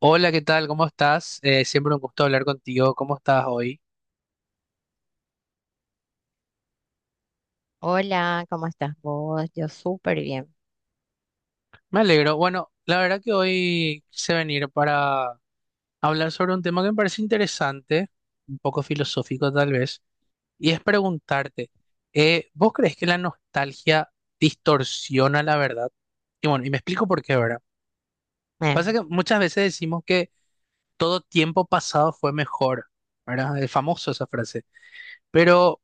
Hola, ¿qué tal? ¿Cómo estás? Siempre un gusto hablar contigo. ¿Cómo estás hoy? Hola, ¿cómo estás vos? Yo súper bien. Me alegro. Bueno, la verdad que hoy quise venir para hablar sobre un tema que me parece interesante, un poco filosófico tal vez, y es preguntarte, ¿vos crees que la nostalgia distorsiona la verdad? Y bueno, y me explico por qué, ¿verdad? Eh, Pasa que muchas veces decimos que todo tiempo pasado fue mejor, ¿verdad? Es famoso esa frase. Pero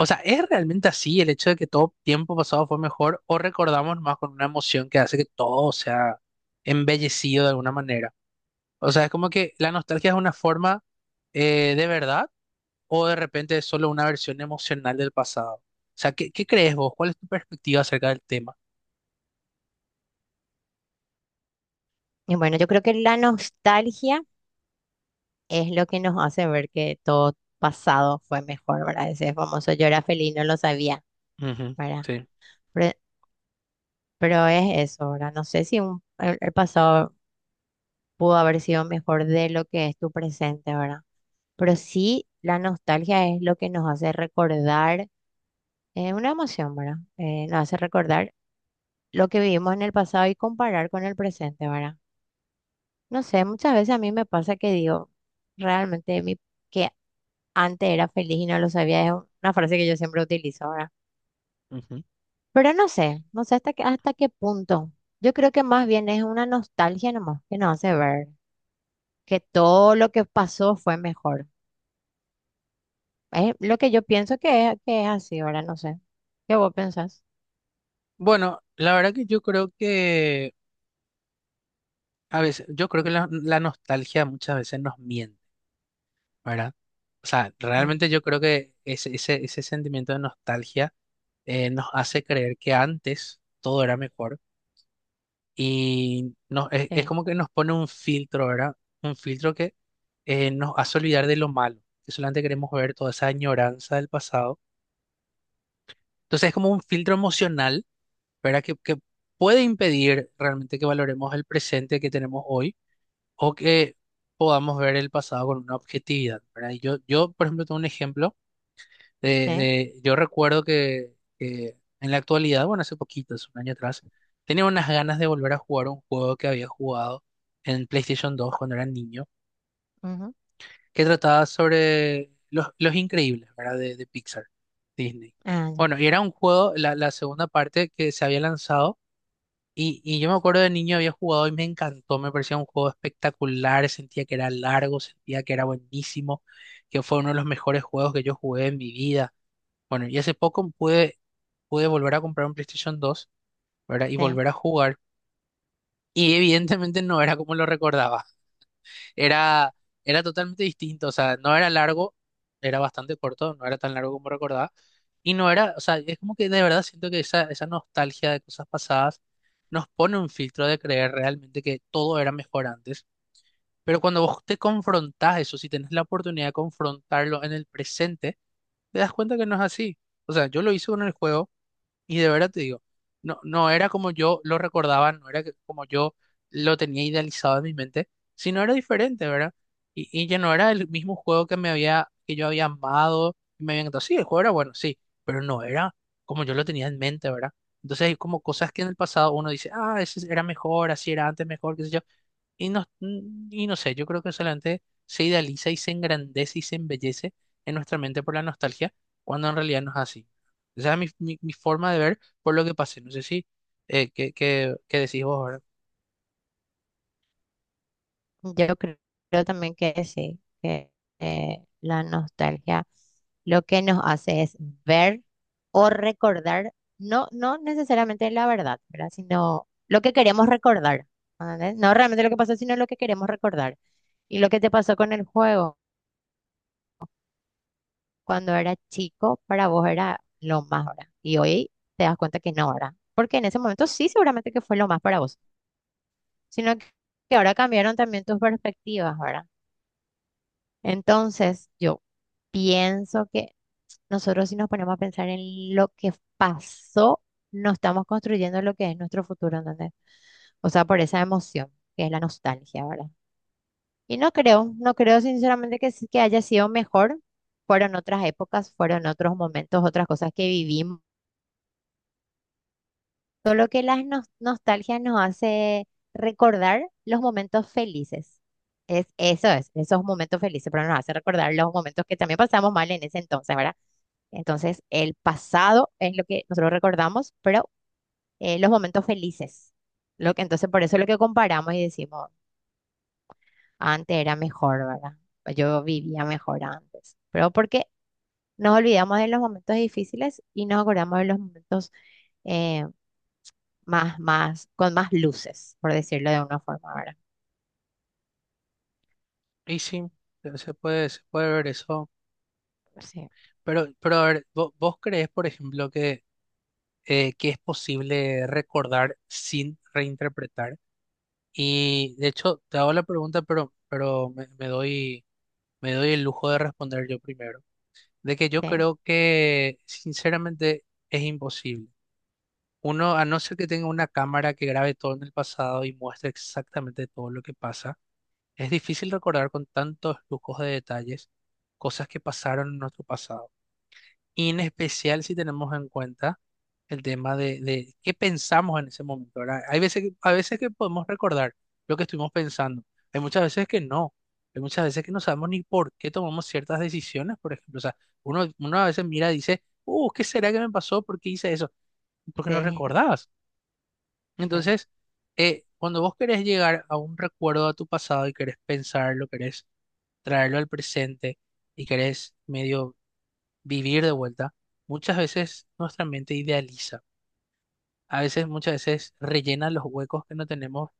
O sea, ¿es realmente así el hecho de que todo tiempo pasado fue mejor o recordamos más con una emoción que hace que todo sea embellecido de alguna manera? O sea, es como que la nostalgia es una forma de verdad o de repente es solo una versión emocional del pasado. O sea, ¿qué crees vos? ¿Cuál es tu perspectiva acerca del tema? y bueno, yo creo que la nostalgia es lo que nos hace ver que todo pasado fue mejor, ¿verdad? Ese famoso yo era feliz, no lo sabía, Ujú, ¿verdad? sí. Pero, pero es eso, ¿verdad? No sé si el pasado pudo haber sido mejor de lo que es tu presente, ¿verdad? Pero sí, la nostalgia es lo que nos hace recordar una emoción, ¿verdad? Nos hace recordar lo que vivimos en el pasado y comparar con el presente, ¿verdad? No sé, muchas veces a mí me pasa que digo, realmente mi, que antes era feliz y no lo sabía, es una frase que yo siempre utilizo ahora. Ujú. Pero no sé, no sé hasta qué punto. Yo creo que más bien es una nostalgia nomás que nos hace ver que todo lo que pasó fue mejor. Es lo que yo pienso que es así ahora, no sé. ¿Qué vos pensás? Bueno, la verdad que yo creo que a veces, yo creo que la nostalgia muchas veces nos miente. ¿Verdad? O sea, Ujú, realmente yo creo que ese sentimiento de nostalgia nos hace creer que antes todo era mejor y nos, es sí, como que nos pone un filtro, ¿verdad? Un filtro que nos hace olvidar de lo malo, que solamente queremos ver toda esa añoranza del pasado. Entonces es como un filtro emocional, ¿verdad? Que puede impedir realmente que valoremos el presente que tenemos hoy o que podamos ver el pasado con una objetividad, ¿verdad? Y yo, por ejemplo, tengo un ejemplo. Sí, Yo recuerdo que en la actualidad, bueno, hace poquito, hace un año atrás, tenía unas ganas de volver a jugar un juego que había jugado en PlayStation 2 cuando era niño, ujú, que trataba sobre los increíbles, ¿verdad? De Pixar, Disney. ah, ya, Bueno, y era un juego, la segunda parte que se había lanzado, y yo me acuerdo de niño había jugado y me encantó, me parecía un juego espectacular, sentía que era largo, sentía que era buenísimo, que fue uno de los mejores juegos que yo jugué en mi vida. Bueno, y hace poco pude volver a comprar un PlayStation 2, ¿verdad? Y sí. volver a jugar. Y evidentemente no era como lo recordaba. Era, era totalmente distinto. O sea, no era largo, era bastante corto, no era tan largo como recordaba. Y no era, o sea, es como que de verdad siento que esa nostalgia de cosas pasadas nos pone un filtro de creer realmente que todo era mejor antes. Pero cuando vos te confrontás eso, si tenés la oportunidad de confrontarlo en el presente, te das cuenta que no es así. O sea, yo lo hice con el juego. Y de verdad te digo, no era como yo lo recordaba, no era como yo lo tenía idealizado en mi mente, sino era diferente, ¿verdad? Y ya no era el mismo juego que me había, que yo había amado, y me había encantado. Sí, el juego era bueno, sí, pero no era como yo lo tenía en mente, ¿verdad? Entonces hay como cosas que en el pasado uno dice, ah, ese era mejor, así era antes mejor, qué sé yo. Y no, y no sé, yo creo que solamente se idealiza y se engrandece y se embellece en nuestra mente por la nostalgia, cuando en realidad no es así. Esa es mi forma de ver por lo que pasé. No sé si, qué decís vos ahora. Yo creo, creo también que sí, que la nostalgia lo que nos hace es ver o recordar, no, no necesariamente la verdad, ¿verdad? Sino lo que queremos recordar, ¿entendés? No realmente lo que pasó, sino lo que queremos recordar. Y lo que te pasó con el juego cuando era chico, para vos era lo más ahora. Y hoy te das cuenta que no ahora. Porque en ese momento sí, seguramente que fue lo más para vos, sino que ahora cambiaron también tus perspectivas, ¿verdad? Entonces, yo pienso que nosotros si nos ponemos a pensar en lo que pasó, no estamos construyendo lo que es nuestro futuro, ¿entendés? O sea, por esa emoción, que es la nostalgia, ¿verdad? Y no creo, no creo sinceramente que, que haya sido mejor. Fueron otras épocas, fueron otros momentos, otras cosas que vivimos. Solo que las nostalgias nos hace recordar los momentos felices. Es, eso es, esos momentos felices, pero nos hace recordar los momentos que también pasamos mal en ese entonces, ¿verdad? Entonces, el pasado es lo que nosotros recordamos, pero los momentos felices. Lo que, entonces, por eso es lo que comparamos y decimos, antes era mejor, ¿verdad? O yo vivía mejor antes. Pero porque nos olvidamos de los momentos difíciles y nos acordamos de los momentos eh, más, más, con más luces, por decirlo de una forma, ¿verdad? Y sí, se puede, se puede ver eso. Sí, Pero a ver, ¿vos crees, por ejemplo, que es posible recordar sin reinterpretar? Y de hecho, te hago la pregunta, pero me doy el lujo de responder yo primero. De que yo sí, creo que, sinceramente, es imposible. Uno, a no ser que tenga una cámara que grabe todo en el pasado y muestre exactamente todo lo que pasa. Es difícil recordar con tantos lujos de detalles cosas que pasaron en nuestro pasado, y en especial si tenemos en cuenta el tema de qué pensamos en ese momento, ¿verdad? Hay veces a veces que podemos recordar lo que estuvimos pensando, hay muchas veces que no, hay muchas veces que no sabemos ni por qué tomamos ciertas decisiones, por ejemplo, o sea, uno a veces mira y dice, ¿qué será que me pasó? ¿Por qué hice eso? Porque no sí. recordabas. Ujú, Entonces, cuando vos querés llegar a un recuerdo de tu pasado y querés pensarlo, querés traerlo al presente y querés medio vivir de vuelta, muchas veces nuestra mente idealiza. A veces, muchas veces rellena los huecos que no tenemos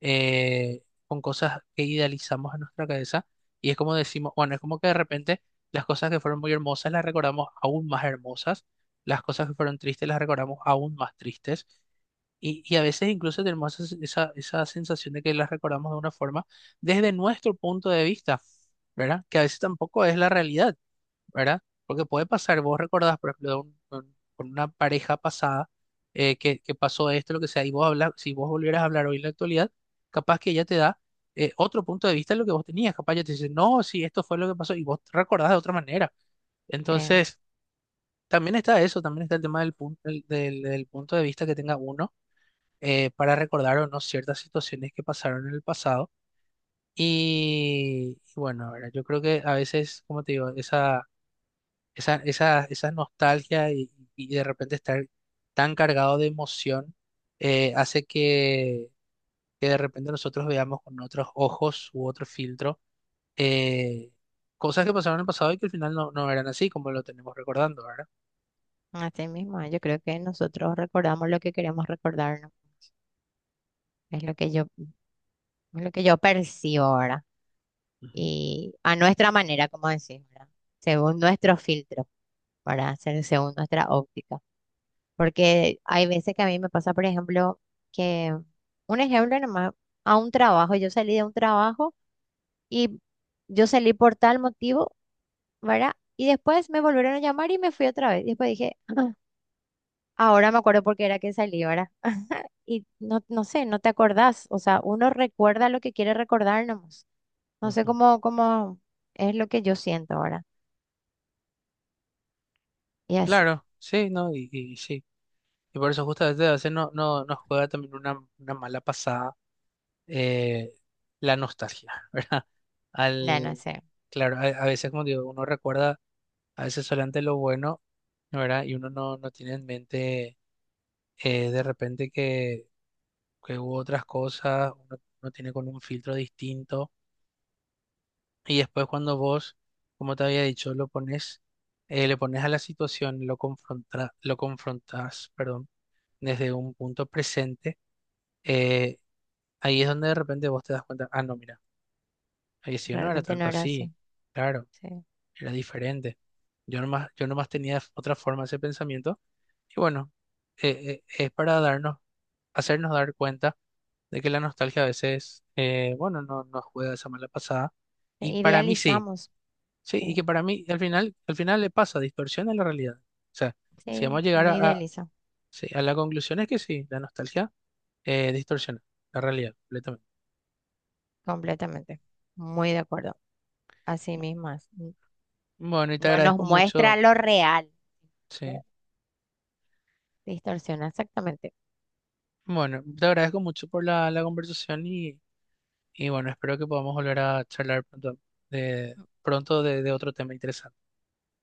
con cosas que idealizamos en nuestra cabeza. Y es como decimos, bueno, es como que de repente las cosas que fueron muy hermosas las recordamos aún más hermosas, las cosas que fueron tristes las recordamos aún más tristes. Y a veces incluso tenemos esa sensación de que las recordamos de una forma desde nuestro punto de vista, ¿verdad? Que a veces tampoco es la realidad, ¿verdad? Porque puede pasar, vos recordás, por ejemplo, de con una pareja pasada que pasó esto, lo que sea, y vos hablas, si vos volvieras a hablar hoy en la actualidad, capaz que ella te da otro punto de vista de lo que vos tenías, capaz ella te dice, no, sí, esto fue lo que pasó, y vos recordás de otra manera. sí. Entonces, también está eso, también está el tema del, punto del punto de vista que tenga uno para recordar o no ciertas situaciones que pasaron en el pasado. Y bueno, ¿verdad? Yo creo que a veces, como te digo, esa nostalgia y de repente estar tan cargado de emoción hace que de repente nosotros veamos con otros ojos u otro filtro eh, cosas que pasaron en el pasado y que al final no, no eran así como lo tenemos recordando, ¿verdad? Así mismo, yo creo que nosotros recordamos lo que queremos recordar, ¿no? Es lo que yo, es lo que yo percibo ahora. Ujú, Y a nuestra manera, como decimos, ¿verdad? Según nuestro filtro, para hacer según nuestra óptica. Porque hay veces que a mí me pasa, por ejemplo, que un ejemplo nomás, a un trabajo, yo salí de un trabajo y yo salí por tal motivo, ¿verdad? Y después me volvieron a llamar y me fui otra vez. Y después dije, "Ah, ahora me acuerdo por qué era que salí, ¿verdad? Y no, no sé, no te acordás. O sea, uno recuerda lo que quiere recordar nomás. No sé ujú. cómo, cómo es lo que yo siento ahora. Y así. Claro, sí, ¿no? Y sí. Y por eso justamente a veces no, no, nos juega también una mala pasada eh, la nostalgia, ¿verdad? No, no Al, sé, claro, a veces, como digo, uno recuerda a veces solamente lo bueno, ¿verdad? Y uno no, no tiene en mente de repente que hubo otras cosas, uno tiene con un filtro distinto. Y después cuando vos, como te había dicho, lo pones, le pones a la situación, lo confronta, lo confrontas, perdón, desde un punto presente eh, ahí es donde de repente vos te das cuenta, ah, no, mira, ahí sí, yo no era realmente no tanto era así, así. claro, Sí. era diferente. Yo nomás tenía otra forma ese pensamiento. Y bueno, es para hacernos dar cuenta de que la nostalgia a veces, bueno, no nos juega esa mala pasada. Y para mí sí, Idealizamos. sí, Sí, y que para mí al final le pasa, distorsiona la realidad. O sea, si sí, vamos a llegar uno a, idealiza sí, a la conclusión es que sí, la nostalgia distorsiona la realidad completamente. completamente. Muy de acuerdo. Así mismo es. Bueno, y te No nos agradezco muestra mucho, lo real. Que sí. distorsiona exactamente. Bueno, te agradezco mucho por la conversación y bueno, espero que podamos volver a charlar pronto pronto de otro tema interesante.